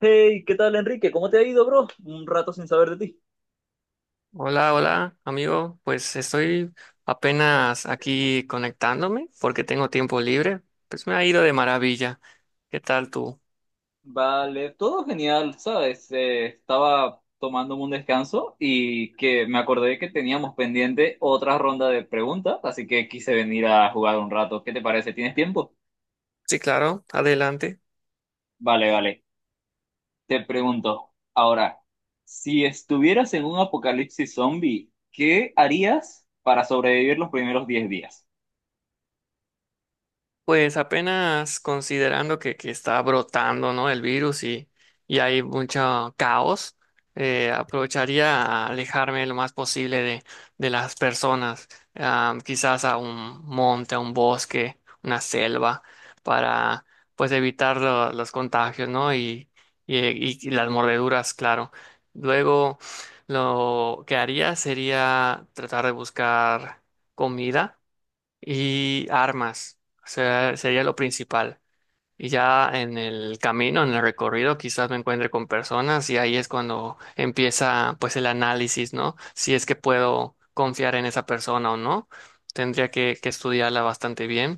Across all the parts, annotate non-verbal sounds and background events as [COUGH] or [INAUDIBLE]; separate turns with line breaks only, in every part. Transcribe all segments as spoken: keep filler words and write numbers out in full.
Hey, ¿qué tal, Enrique? ¿Cómo te ha ido, bro? Un rato sin saber de ti.
Hola, hola, amigo. Pues estoy apenas aquí conectándome porque tengo tiempo libre. Pues me ha ido de maravilla. ¿Qué tal tú?
Vale, todo genial, ¿sabes? Eh, estaba tomándome un descanso y que me acordé que teníamos pendiente otra ronda de preguntas, así que quise venir a jugar un rato. ¿Qué te parece? ¿Tienes tiempo?
Sí, claro, adelante.
Vale, vale. Te pregunto, ahora, si estuvieras en un apocalipsis zombie, ¿qué harías para sobrevivir los primeros diez días?
Pues apenas considerando que, que está brotando, ¿no? El virus y, y hay mucho caos, eh, aprovecharía a alejarme lo más posible de, de las personas, ah, quizás a un monte, a un bosque, una selva, para pues evitar lo- los contagios, ¿no? Y, y, y- y las mordeduras, claro. Luego, lo que haría sería tratar de buscar comida y armas. O sea, sería lo principal. Y ya en el camino, en el recorrido, quizás me encuentre con personas y ahí es cuando empieza pues el análisis, ¿no? Si es que puedo confiar en esa persona o no. Tendría que, que estudiarla bastante bien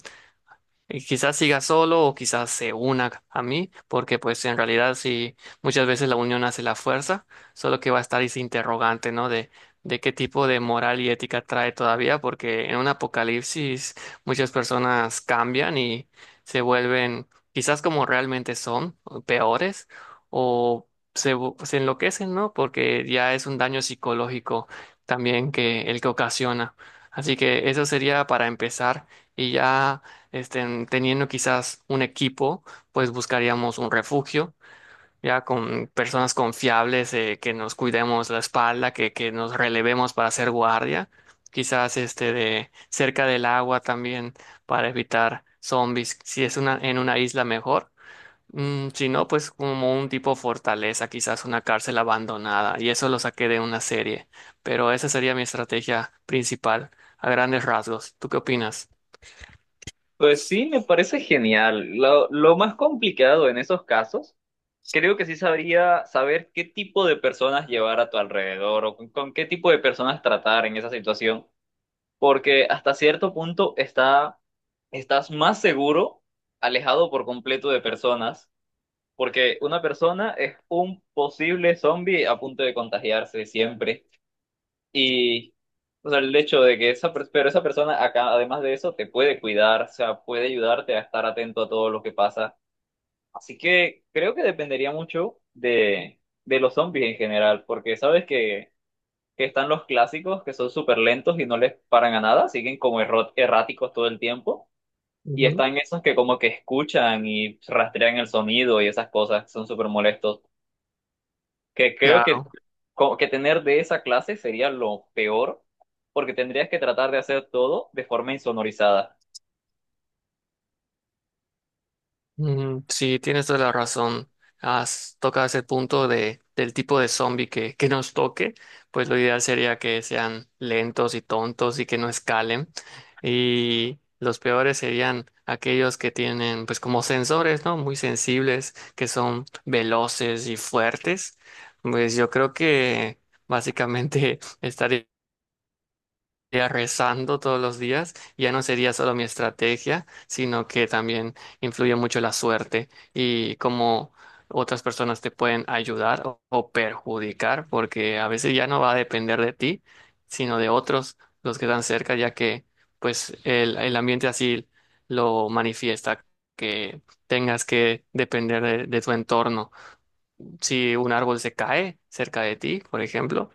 y quizás siga solo o quizás se una a mí, porque pues en realidad sí, muchas veces la unión hace la fuerza, solo que va a estar ese interrogante, ¿no? De, de qué tipo de moral y ética trae todavía, porque en un apocalipsis muchas personas cambian y se vuelven quizás como realmente son, o peores, o se, vu- se enloquecen, ¿no? Porque ya es un daño psicológico también que el que ocasiona. Así que eso sería para empezar y ya este, teniendo quizás un equipo, pues buscaríamos un refugio, ya con personas confiables, eh, que nos cuidemos la espalda, que, que nos relevemos para hacer guardia, quizás este de cerca del agua también para evitar zombies, si es una, en una isla mejor. Mm, si no, pues como un tipo fortaleza, quizás una cárcel abandonada, y eso lo saqué de una serie, pero esa sería mi estrategia principal, a grandes rasgos. ¿Tú qué opinas?
Pues sí, me parece genial. Lo, lo más complicado en esos casos creo que sí sabría saber qué tipo de personas llevar a tu alrededor o con, con qué tipo de personas tratar en esa situación, porque hasta cierto punto está, estás más seguro alejado por completo de personas, porque una persona es un posible zombie a punto de contagiarse siempre. Y, o sea, el hecho de que esa, per- pero esa persona acá, además de eso, te puede cuidar, o sea, puede ayudarte a estar atento a todo lo que pasa. Así que creo que dependería mucho de, de los zombies en general, porque sabes que, que están los clásicos que son súper lentos y no les paran a nada, siguen como erro- erráticos todo el tiempo, y
Ujú.
están esos que como que escuchan y rastrean el sonido y esas cosas, son súper molestos, que creo que,
Claro.
co- que tener de esa clase sería lo peor, porque tendrías que tratar de hacer todo de forma insonorizada.
Mm, sí, tienes toda la razón. Has tocado ese punto de, del tipo de zombie que, que nos toque, pues lo ideal sería que sean lentos y tontos y que no escalen. Y los peores serían aquellos que tienen, pues como sensores, ¿no? Muy sensibles, que son veloces y fuertes. Pues yo creo que básicamente [LAUGHS] estaría estaría rezando todos los días, ya no sería solo mi estrategia, sino que también influye mucho la suerte y cómo otras personas te pueden ayudar o, o perjudicar, porque a veces ya no va a depender de ti, sino de otros, los que están cerca, ya que pues el, el ambiente así lo manifiesta, que tengas que depender de de tu entorno. Si un árbol se cae cerca de ti, por ejemplo,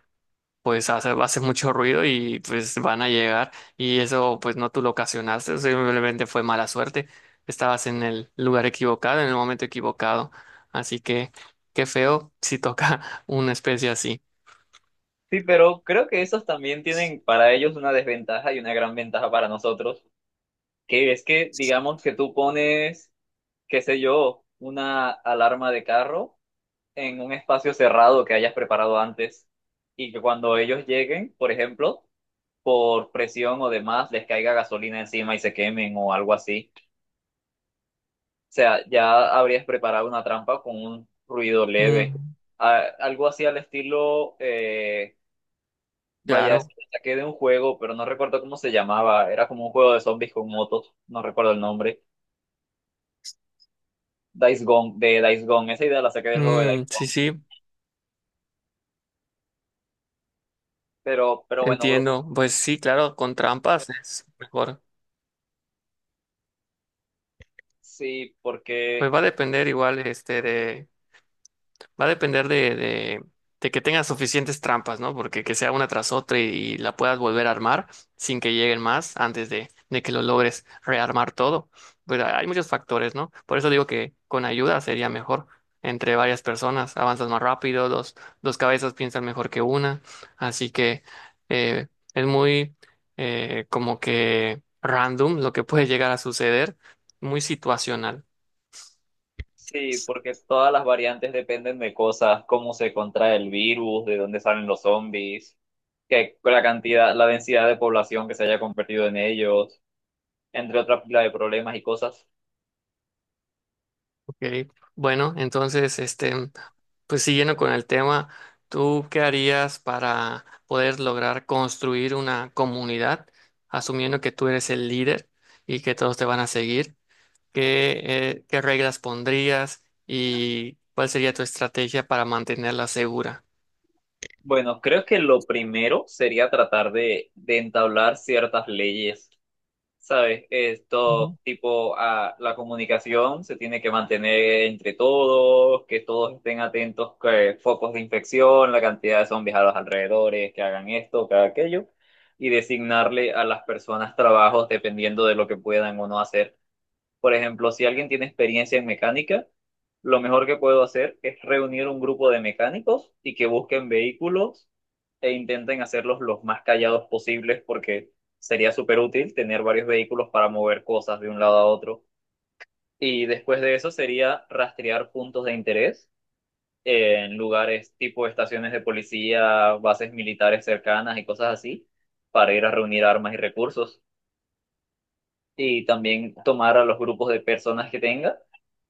pues hace, hace mucho ruido y pues van a llegar y eso pues no tú lo ocasionaste, simplemente fue mala suerte, estabas en el lugar equivocado, en el momento equivocado, así que qué feo si toca [LAUGHS] una especie así.
Sí, pero creo que esos también tienen para ellos una desventaja y una gran ventaja para nosotros, que es que digamos que tú pones, qué sé yo, una alarma de carro en un espacio cerrado que hayas preparado antes y que cuando ellos lleguen, por ejemplo, por presión o demás, les caiga gasolina encima y se quemen o algo así. O sea, ya habrías preparado una trampa con un ruido leve.
Mm,
A- algo así al estilo, eh, vaya, es
claro.
que saqué de un juego, pero no recuerdo cómo se llamaba. Era como un juego de zombies con motos, no recuerdo el nombre. Days Gone, de Days Gone. Esa idea la saqué del juego de Days
Mm, sí,
Gone.
sí,
Pero, pero bueno, bro,
entiendo, pues sí, claro, con trampas es mejor,
sí,
pues
porque,
va a depender igual este de. Va a depender de, de, de que tengas suficientes trampas, ¿no? Porque que sea una tras otra y, y la puedas volver a armar sin que lleguen más antes de, de que lo logres rearmar todo. Pues hay hay muchos factores, ¿no? Por eso digo que con ayuda sería mejor entre varias personas. Avanzas más rápido, dos, dos cabezas piensan mejor que una. Así que eh, es muy eh, como que random lo que puede llegar a suceder, muy situacional.
sí, porque todas las variantes dependen de cosas, cómo se contrae el virus, de dónde salen los zombies, que la cantidad, la densidad de población que se haya convertido en ellos, entre otra pila de problemas y cosas.
¿Ok? Bueno, entonces, este. Pues siguiendo con el tema, ¿tú qué harías para poder lograr construir una comunidad, asumiendo que tú eres el líder y que todos te van a seguir? ¿Qué, eh, qué reglas pondrías y cuál sería tu estrategia para mantenerla segura?
Bueno, creo que lo primero sería tratar de, de entablar ciertas leyes. ¿Sabes?
Ujú.
Esto, tipo, a la comunicación se tiene que mantener entre todos, que todos estén atentos, que focos de infección, la cantidad de zombies a los alrededores, que hagan esto, que hagan aquello, y designarle a las personas trabajos dependiendo de lo que puedan o no hacer. Por ejemplo, si alguien tiene experiencia en mecánica, lo mejor que puedo hacer es reunir un grupo de mecánicos y que busquen vehículos e intenten hacerlos los más callados posibles porque sería súper útil tener varios vehículos para mover cosas de un lado a otro. Y después de eso sería rastrear puntos de interés en lugares tipo estaciones de policía, bases militares cercanas y cosas así, para ir a reunir armas y recursos. Y también tomar a los grupos de personas que tenga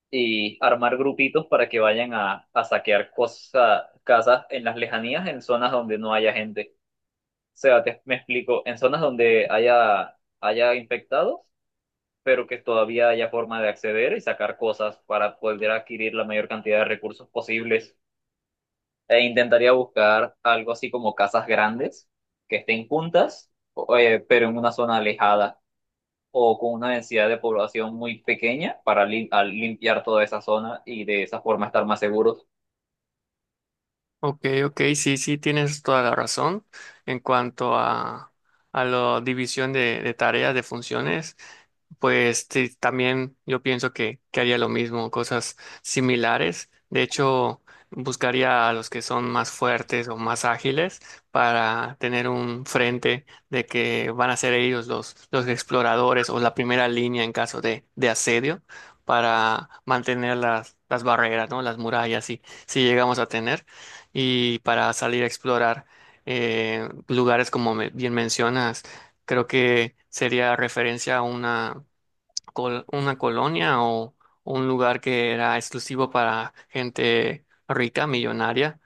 y armar grupitos para que vayan a, a saquear cosas, casas en las lejanías, en zonas donde no haya gente. O sea, te- me explico, en zonas donde haya, haya infectados, pero que todavía haya forma de acceder y sacar cosas para poder adquirir la mayor cantidad de recursos posibles. E intentaría buscar algo así como casas grandes, que estén juntas, o- eh, pero en una zona alejada o con una densidad de población muy pequeña para lim- al limpiar toda esa zona y de esa forma estar más seguros.
Ok, ok, sí, sí, tienes toda la razón en cuanto a, a la división de, de tareas, de funciones. Pues sí, también yo pienso que, que haría lo mismo, cosas similares. De hecho, buscaría a los que son más fuertes o más ágiles para tener un frente de que van a ser ellos los, los exploradores o la primera línea en caso de, de asedio para mantener las, las barreras, ¿no? Las murallas, si, si llegamos a tener, y para salir a explorar eh, lugares como me- bien mencionas. Creo que sería referencia a una col- una colonia o un lugar que era exclusivo para gente rica, millonaria,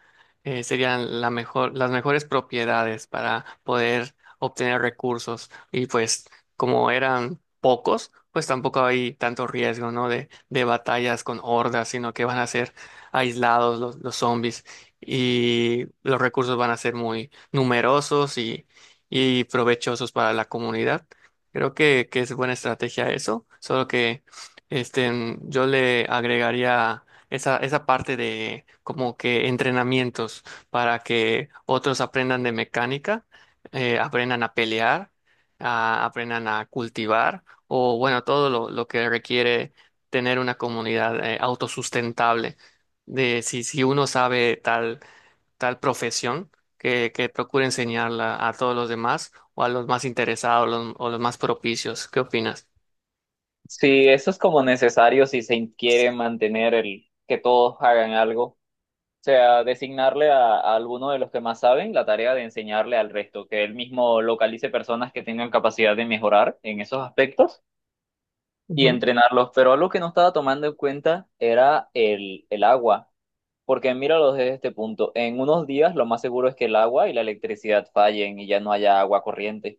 eh, serían la mejor, las mejores propiedades para poder obtener recursos. Y pues como eran pocos, pues tampoco hay tanto riesgo, ¿no? De, de batallas con hordas, sino que van a ser aislados los, los zombies y los recursos van a ser muy numerosos y, y provechosos para la comunidad. Creo que, que es buena estrategia eso, solo que este, mm, yo le agregaría esa, esa parte de como que entrenamientos para que otros aprendan de mecánica, eh, aprendan a pelear, a- aprendan a cultivar o bueno, todo lo, lo que requiere tener una comunidad eh, autosustentable. De si, si uno sabe tal tal profesión que, que procure enseñarla a todos los demás o a los más interesados los- o los más propicios. ¿Qué opinas?
Sí, eso es como necesario si se quiere mantener el que todos hagan algo. O sea, designarle a, a alguno de los que más saben la tarea de enseñarle al resto, que él mismo localice personas que tengan capacidad de mejorar en esos aspectos y
Ujú.
entrenarlos. Pero algo que no estaba tomando en cuenta era el, el agua. Porque míralo desde este punto, en unos días lo más seguro es que el agua y la electricidad fallen y ya no haya agua corriente.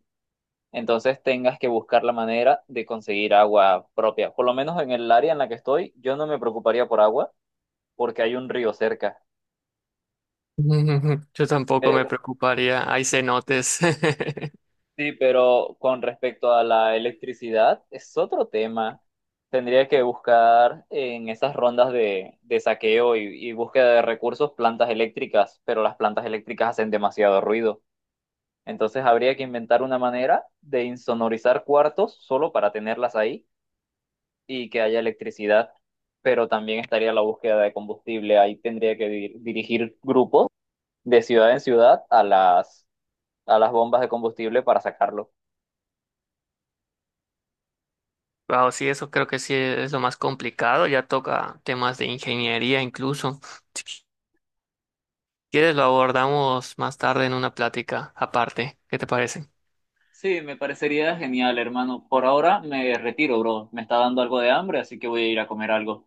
Entonces tengas que buscar la manera de conseguir agua propia. Por lo menos en el área en la que estoy, yo no me preocuparía por agua porque hay un río cerca.
[LAUGHS] Yo tampoco
Eh,
me preocuparía. Hay cenotes. [LAUGHS]
sí, pero con respecto a la electricidad, es otro tema. Tendría que buscar en esas rondas de, de saqueo y y búsqueda de recursos plantas eléctricas, pero las plantas eléctricas hacen demasiado ruido. Entonces habría que inventar una manera de insonorizar cuartos solo para tenerlas ahí y que haya electricidad, pero también estaría la búsqueda de combustible. Ahí tendría que dir- dirigir grupos de ciudad en ciudad a las, a las bombas de combustible para sacarlo.
Wow, sí, eso creo que sí es lo más complicado. Ya toca temas de ingeniería incluso. Si quieres, lo abordamos más tarde en una plática aparte. ¿Qué te parece?
Sí, me parecería genial, hermano. Por ahora me retiro, bro. Me está dando algo de hambre, así que voy a ir a comer algo.